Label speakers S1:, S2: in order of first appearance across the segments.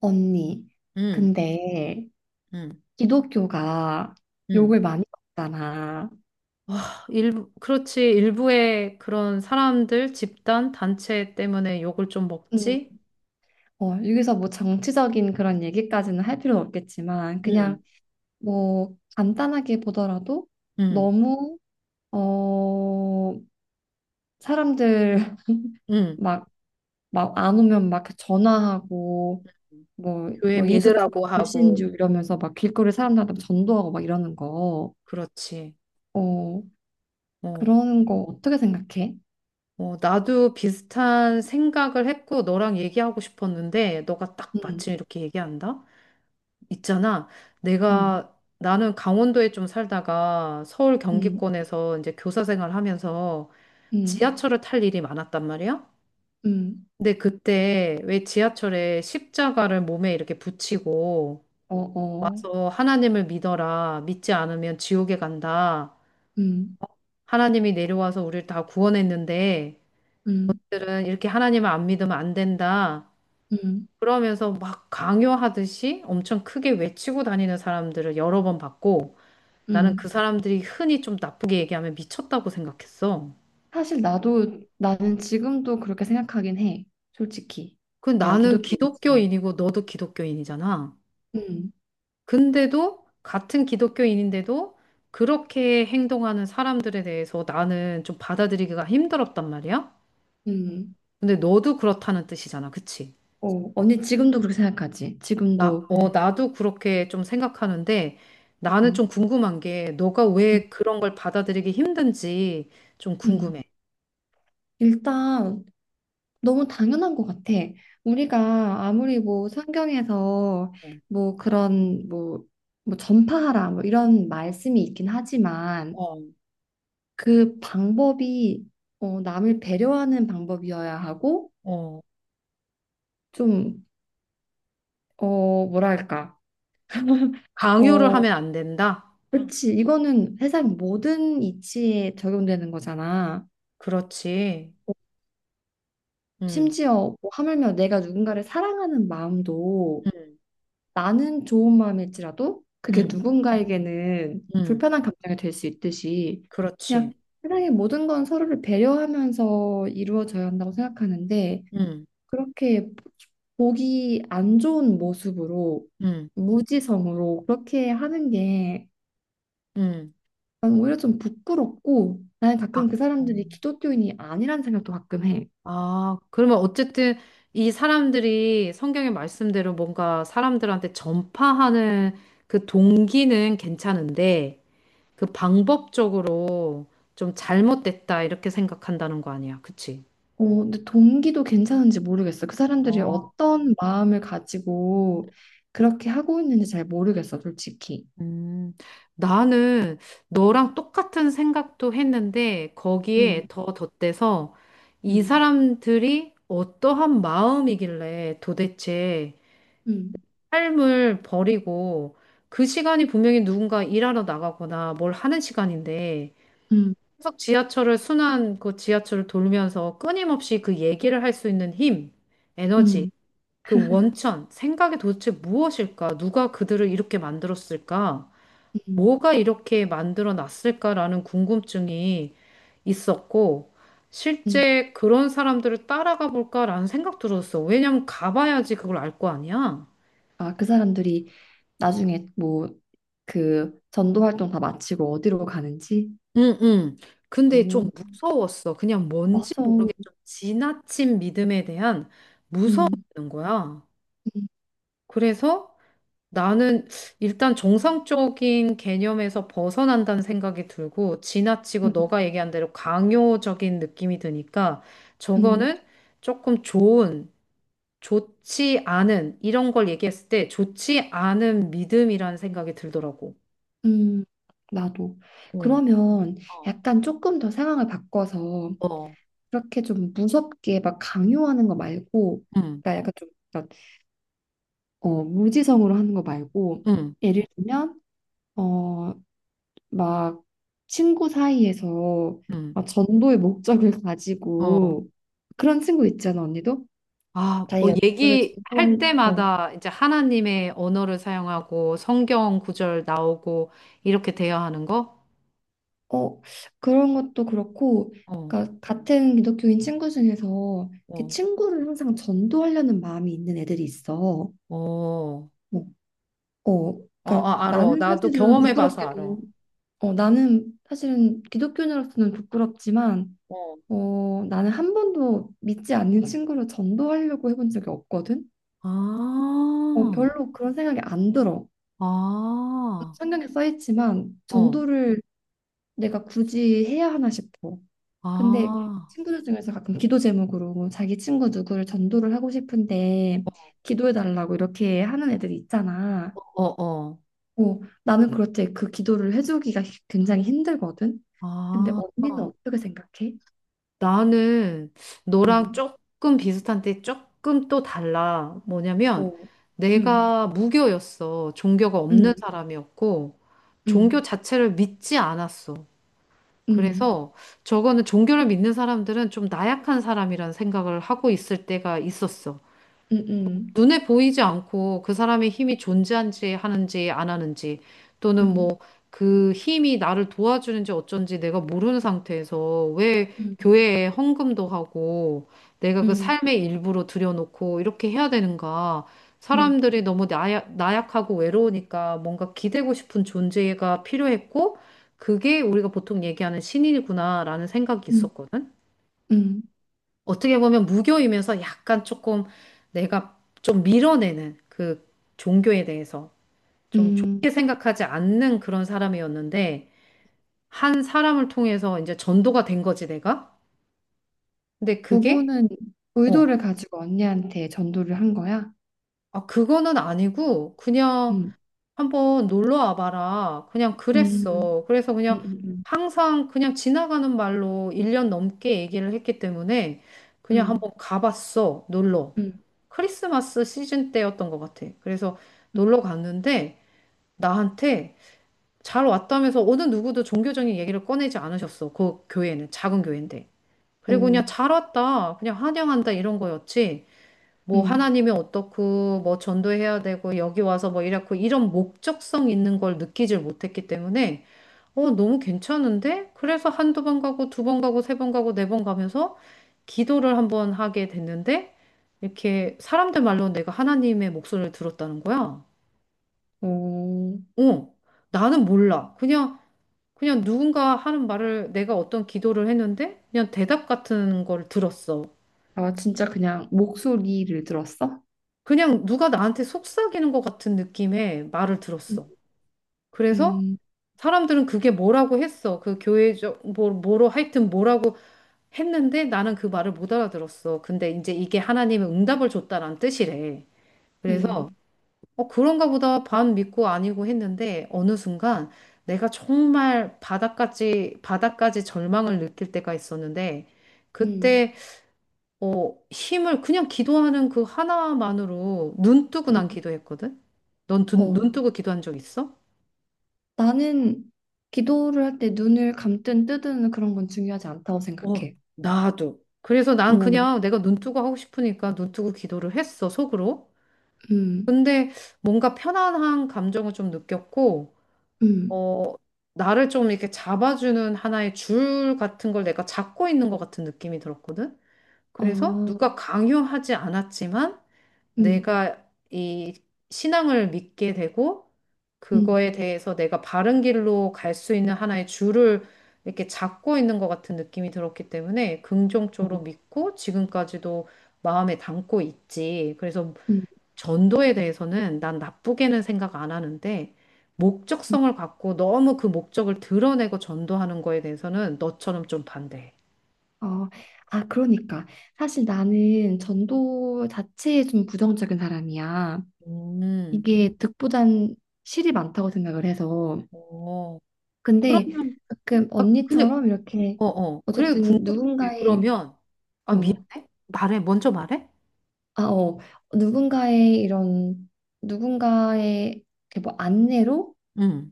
S1: 언니,
S2: 음,
S1: 근데
S2: 음,
S1: 기독교가
S2: 음.
S1: 욕을 많이 먹잖아.
S2: 와, 일부, 그렇지. 일부의 그런 사람들, 집단, 단체 때문에 욕을 좀
S1: 음,
S2: 먹지?
S1: 어, 여기서 뭐 정치적인 그런 얘기까지는 할 필요 없겠지만,
S2: 음,
S1: 그냥 뭐 간단하게 보더라도
S2: 음,
S1: 너무, 어, 사람들
S2: 음.
S1: 막, 막 안 오면 막 전화하고, 뭐,
S2: 교회
S1: 뭐 예수처럼
S2: 믿으라고 하고,
S1: 불신주 이러면서 막 길거리 사람들한테 전도하고 막 이러는 거,
S2: 그렇지.
S1: 어,
S2: 어,
S1: 그런 거 어떻게 생각해?
S2: 어, 나도 비슷한 생각을 했고, 너랑 얘기하고 싶었는데, 너가 딱 마침
S1: 음,
S2: 이렇게 얘기한다? 있잖아.
S1: 음,
S2: 내가, 나는 강원도에 좀 살다가 서울
S1: 음,
S2: 경기권에서 이제 교사 생활 하면서
S1: 음.
S2: 지하철을 탈 일이 많았단 말이야.
S1: 음,
S2: 근데 그때 왜 지하철에 십자가를 몸에 이렇게 붙이고
S1: 어, 어,
S2: 와서 하나님을 믿어라. 믿지 않으면 지옥에 간다.
S1: 음,
S2: 하나님이 내려와서 우리를 다 구원했는데
S1: 음,
S2: 들은 이렇게 하나님을 안 믿으면 안 된다.
S1: 음,
S2: 그러면서 막 강요하듯이 엄청 크게 외치고 다니는 사람들을 여러 번 봤고 나는 그
S1: 음.
S2: 사람들이 흔히 좀 나쁘게 얘기하면 미쳤다고 생각했어.
S1: 사실 나는 지금도 그렇게 생각하긴 해. 솔직히.
S2: 그
S1: 내가
S2: 나는
S1: 기독교인이지만.
S2: 기독교인이고 너도 기독교인이잖아.
S1: 음,
S2: 근데도 같은 기독교인인데도 그렇게 행동하는 사람들에 대해서 나는 좀 받아들이기가 힘들었단 말이야.
S1: 음.
S2: 근데 너도 그렇다는 뜻이잖아. 그치?
S1: 어, 언니 지금도 그렇게 생각하지?
S2: 나,
S1: 지금도.
S2: 어, 나도 그렇게 좀 생각하는데 나는
S1: 음,
S2: 좀 궁금한 게 너가
S1: 음,
S2: 왜 그런 걸 받아들이기 힘든지 좀
S1: 음.
S2: 궁금해.
S1: 일단, 너무 당연한 것 같아. 우리가 아무리 뭐 성경에서
S2: 응.
S1: 뭐 그런 뭐, 전파하라 뭐 이런 말씀이 있긴 하지만
S2: 어,
S1: 그 방법이 어, 남을 배려하는 방법이어야 하고
S2: 어.
S1: 좀 어, 뭐랄까
S2: 강요를
S1: 어
S2: 하면 안 된다?
S1: 그렇지, 이거는 세상 모든 이치에 적용되는 거잖아.
S2: 그렇지. 응,
S1: 심지어 뭐 하물며 내가 누군가를 사랑하는 마음도
S2: 응,
S1: 나는 좋은 마음일지라도 그게
S2: 응,
S1: 누군가에게는
S2: 응.
S1: 불편한 감정이 될 수 있듯이 그냥
S2: 그렇지.
S1: 세상의 모든 건 서로를 배려하면서 이루어져야 한다고 생각하는데
S2: 응,
S1: 그렇게 보기 안 좋은 모습으로
S2: 응,
S1: 무지성으로 그렇게 하는 게
S2: 응.
S1: 난 오히려 좀 부끄럽고 나는
S2: 아,
S1: 가끔 그
S2: 어.
S1: 사람들이 기독교인이 아니란 생각도 가끔 해.
S2: 아, 그러면 어쨌든 이 사람들이 성경의 말씀대로 뭔가 사람들한테 전파하는 그 동기는 괜찮은데 그 방법적으로 좀 잘못됐다 이렇게 생각한다는 거 아니야. 그치?
S1: 어, 근데 동기도 괜찮은지 모르겠어. 그 사람들이
S2: 아,
S1: 어떤 마음을 가지고 그렇게 하고 있는지 잘 모르겠어, 솔직히.
S2: 음, 나는 너랑 똑같은 생각도 했는데 거기에
S1: 음,
S2: 더 덧대서 이
S1: 음,
S2: 사람들이 어떠한 마음이길래 도대체
S1: 음,
S2: 삶을 버리고 그 시간이 분명히 누군가 일하러 나가거나 뭘 하는 시간인데
S1: 음,
S2: 계속 지하철을 순환 그 지하철을 돌면서 끊임없이 그 얘기를 할 수 있는 힘, 에너지,
S1: 음,
S2: 그 원천, 생각이 도대체 무엇일까? 누가 그들을 이렇게 만들었을까?
S1: 음,
S2: 뭐가 이렇게 만들어 놨을까라는 궁금증이 있었고
S1: 음.
S2: 실제 그런 사람들을 따라가 볼까라는 생각 들었어. 왜냐면 가봐야지 그걸 알 거 아니야.
S1: 아, 그 사람들이 나중에 뭐 그 전도 활동 다 마치고 어디로 가는지?
S2: 응, 응. 근데 좀 무서웠어. 그냥 뭔지
S1: 맞아.
S2: 모르게 좀 지나친 믿음에 대한 무서움이
S1: 음,
S2: 있는 거야. 그래서 나는 일단 정상적인 개념에서 벗어난다는 생각이 들고 지나치고
S1: 음,
S2: 너가 얘기한 대로 강요적인 느낌이 드니까
S1: 음,
S2: 저거는 조금 좋은, 좋지 않은 이런 걸 얘기했을 때 좋지 않은 믿음이라는 생각이 들더라고.
S1: 음. 나도.
S2: 응.
S1: 그러면
S2: 어,
S1: 약간 조금 더 상황을 바꿔서
S2: 어,
S1: 그렇게 좀 무섭게 막 강요하는 거 말고,
S2: 응,
S1: 그러니까 약간 좀 약간, 어, 무지성으로 하는 거 말고,
S2: 응,
S1: 예를 들면 어, 막 친구 사이에서
S2: 응.
S1: 막 전도의 목적을
S2: 어.
S1: 가지고 그런 친구 있잖아, 언니도.
S2: 아, 뭐
S1: 자기가 누구를
S2: 얘기할
S1: 전도할, 어,
S2: 때마다 이제 하나님의 언어를 사용하고 성경 구절 나오고 이렇게 돼야 하는 거?
S1: 어, 그런 것도 그렇고,
S2: 어,
S1: 그러니까 같은 기독교인 친구 중에서 이렇게
S2: 어,
S1: 친구를 항상 전도하려는 마음이 있는 애들이 있어.
S2: 어, 어,
S1: 뭐, 어, 그러니까
S2: 아, 알어.
S1: 나는
S2: 나도
S1: 사실은
S2: 경험해봐서
S1: 부끄럽게도,
S2: 알어.
S1: 어, 나는 사실은 기독교인으로서는 부끄럽지만,
S2: 어.
S1: 어, 나는 한 번도 믿지 않는 친구를 전도하려고 해본 적이 없거든.
S2: 아,
S1: 어, 별로 그런 생각이 안 들어.
S2: 아,
S1: 성경에 써 있지만
S2: 어,
S1: 전도를 내가 굳이 해야 하나 싶어. 근데
S2: 아,
S1: 친구들 중에서 가끔 기도 제목으로 뭐 자기 친구 누구를 전도를 하고 싶은데 기도해달라고 이렇게 하는 애들이 있잖아.
S2: 어, 어, 어.
S1: 어, 나는 그럴 때 그 기도를 해주기가 굉장히 힘들거든. 근데 언니는
S2: 아.
S1: 어떻게 생각해?
S2: 나는 너랑
S1: 음,
S2: 조금 비슷한데 조금 또 달라. 뭐냐면
S1: 어, 음,
S2: 내가 무교였어. 종교가 없는
S1: 음,
S2: 사람이었고 종교
S1: 음,
S2: 자체를 믿지 않았어.
S1: 음,
S2: 그래서 저거는 종교를 믿는 사람들은 좀 나약한 사람이란 생각을 하고 있을 때가 있었어.
S1: 음,
S2: 눈에 보이지 않고 그 사람의 힘이 존재한지 하는지 안 하는지 또는
S1: 음,
S2: 뭐 그 힘이 나를 도와주는지 어쩐지 내가 모르는 상태에서 왜
S1: 음,
S2: 교회에 헌금도 하고 내가
S1: 음,
S2: 그
S1: 음,
S2: 삶의 일부로 들여놓고 이렇게 해야 되는가?
S1: 음,
S2: 사람들이 너무 나약하고 외로우니까 뭔가 기대고 싶은 존재가 필요했고 그게 우리가 보통 얘기하는 신인이구나라는 생각이
S1: 음,
S2: 있었거든.
S1: 음,
S2: 어떻게 보면 무교이면서 약간 조금 내가 좀 밀어내는 그 종교에 대해서 좀
S1: 음.
S2: 좋게 생각하지 않는 그런 사람이었는데 한 사람을 통해서 이제 전도가 된 거지 내가? 근데 그게
S1: 부부는
S2: 어,
S1: 의도를 가지고 언니한테 전도를 한 거야?
S2: 아, 그거는 아니고 그냥
S1: 음,
S2: 한번 놀러 와봐라. 그냥
S1: 음,
S2: 그랬어. 그래서
S1: 음,
S2: 그냥
S1: 음, 음.
S2: 항상 그냥 지나가는 말로 1년 넘게 얘기를 했기 때문에 그냥
S1: 음.
S2: 한번 가봤어. 놀러.
S1: 음.
S2: 크리스마스 시즌 때였던 것 같아. 그래서 놀러 갔는데 나한테 잘 왔다면서 어느 누구도 종교적인 얘기를 꺼내지 않으셨어. 그 교회는 작은 교회인데. 그리고
S1: 어,
S2: 그냥 잘 왔다. 그냥 환영한다. 이런 거였지. 뭐
S1: 음,
S2: 하나님이 어떻고 뭐 전도해야 되고 여기 와서 뭐 이렇고 이런 목적성 있는 걸 느끼질 못했기 때문에 어 너무 괜찮은데? 그래서 한두 번 가고 두 번 가고 세 번 가고 네 번 가면서 기도를 한번 하게 됐는데 이렇게 사람들 말로 내가 하나님의 목소리를 들었다는 거야.
S1: 어,
S2: 어, 나는 몰라. 그냥 누군가 하는 말을 내가 어떤 기도를 했는데 그냥 대답 같은 걸 들었어.
S1: 아, 진짜 그냥 목소리를 들었어?
S2: 그냥 누가 나한테 속삭이는 것 같은 느낌의 말을
S1: 음,
S2: 들었어. 그래서
S1: 음,
S2: 사람들은 그게 뭐라고 했어. 그 교회적, 뭐로 하여튼 뭐라고 했는데 나는 그 말을 못 알아들었어. 근데 이제 이게 하나님의 응답을 줬다는 뜻이래. 그래서,
S1: 음,
S2: 어, 그런가 보다 반 믿고 아니고 했는데 어느 순간 내가 정말 바닥까지, 바닥까지 절망을 느낄 때가 있었는데
S1: 음,
S2: 그때, 어, 힘을 그냥 기도하는 그 하나만으로 눈 뜨고
S1: 음.
S2: 난 기도했거든?
S1: 어,
S2: 넌눈 뜨고 기도한 적 있어?
S1: 나는 기도를 할 때 눈을 감든 뜨든 그런 건 중요하지 않다고
S2: 어,
S1: 생각해.
S2: 나도. 그래서 난
S1: 뭐,
S2: 그냥 내가 눈 뜨고 하고 싶으니까 눈 뜨고 기도를 했어, 속으로.
S1: 음,
S2: 근데 뭔가 편안한 감정을 좀 느꼈고,
S1: 음,
S2: 어, 나를 좀 이렇게 잡아주는 하나의 줄 같은 걸 내가 잡고 있는 것 같은 느낌이 들었거든? 그래서
S1: 어,
S2: 누가 강요하지 않았지만,
S1: 음,
S2: 내가 이 신앙을 믿게 되고
S1: 음,
S2: 그거에 대해서 내가 바른 길로 갈 수 있는 하나의 줄을 이렇게 잡고 있는 것 같은 느낌이 들었기 때문에
S1: 어,
S2: 긍정적으로 믿고 지금까지도 마음에 담고 있지. 그래서
S1: 음,
S2: 전도에 대해서는 난 나쁘게는 생각 안 하는데
S1: 음,
S2: 목적성을 갖고 너무 그 목적을 드러내고 전도하는 거에 대해서는 너처럼 좀 반대해.
S1: 어, 아, 그러니까. 사실 나는 전도 자체에 좀 부정적인 사람이야.
S2: 음,
S1: 이게 득보단 실이 많다고 생각을 해서.
S2: 어,
S1: 근데
S2: 그러면
S1: 가끔
S2: 아, 근데
S1: 언니처럼 이렇게
S2: 어, 어. 그래,
S1: 어쨌든
S2: 궁금해.
S1: 누군가의
S2: 그러면, 아,
S1: 어,
S2: 미안해? 말해. 먼저 말해?
S1: 아, 어, 누군가의 이런 누군가의 이렇게 뭐 안내로
S2: 응,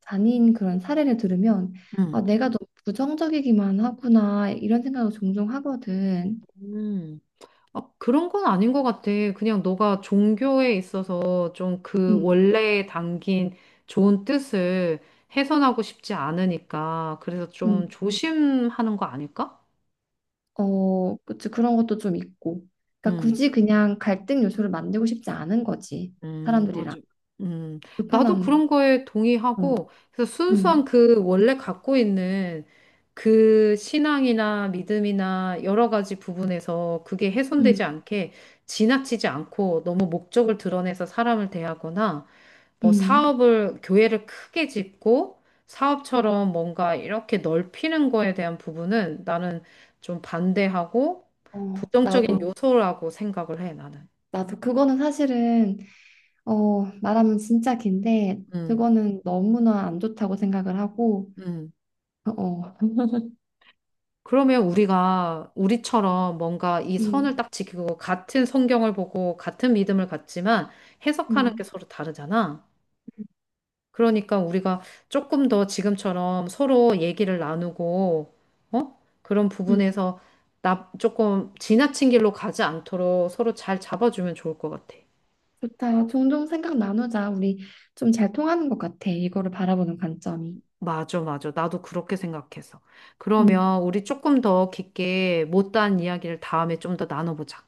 S1: 다닌 그런 사례를 들으면
S2: 응.
S1: 아, 내가 너무 부정적이기만 하구나 이런 생각을 종종 하거든.
S2: 음. 아, 그런 건 아닌 것 같아. 그냥 너가 종교에 있어서 좀 그
S1: 음,
S2: 원래에 담긴 좋은 뜻을 훼손하고 싶지 않으니까. 그래서
S1: 음,
S2: 좀 조심하는 거 아닐까?
S1: 어, 그치, 그런 것도 좀 있고. 그러니까
S2: 응.
S1: 굳이 그냥 갈등 요소를 만들고 싶지 않은 거지. 사람들이랑
S2: 맞아. 음, 나도
S1: 불편한.
S2: 그런 거에
S1: 어,
S2: 동의하고, 그래서 순수한
S1: 음,
S2: 그 원래 갖고 있는 그 신앙이나 믿음이나 여러 가지 부분에서 그게
S1: 음,
S2: 훼손되지 않게 지나치지 않고 너무 목적을 드러내서 사람을 대하거나 뭐
S1: 음.
S2: 사업을, 교회를 크게 짓고 사업처럼 뭔가 이렇게 넓히는 거에 대한 부분은 나는 좀 반대하고
S1: 어,
S2: 부정적인
S1: 나도.
S2: 요소라고 생각을 해, 나는.
S1: 나도 그거는 사실은 어 말하면 진짜 긴데
S2: 음,
S1: 그거는 너무나 안 좋다고 생각을 하고
S2: 음.
S1: 어
S2: 그러면 우리가 우리처럼 뭔가 이 선을
S1: 음,
S2: 딱 지키고 같은 성경을 보고 같은 믿음을 갖지만 해석하는 게
S1: 음,
S2: 서로 다르잖아.
S1: 음,
S2: 그러니까 우리가 조금 더 지금처럼 서로 얘기를 나누고, 어? 그런
S1: 음,
S2: 부분에서 나 조금 지나친 길로 가지 않도록 서로 잘 잡아주면 좋을 것 같아.
S1: 좋다. 종종 생각 나누자. 우리 좀 잘 통하는 것 같아. 이거를 바라보는 관점이.
S2: 맞아, 맞아. 나도 그렇게 생각해서.
S1: 음,
S2: 그러면 우리 조금 더 깊게 못다한 이야기를 다음에 좀 더 나눠보자.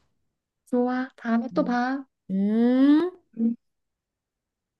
S1: 좋아. 다음에 또
S2: 음.
S1: 봐.
S2: 음.
S1: 음.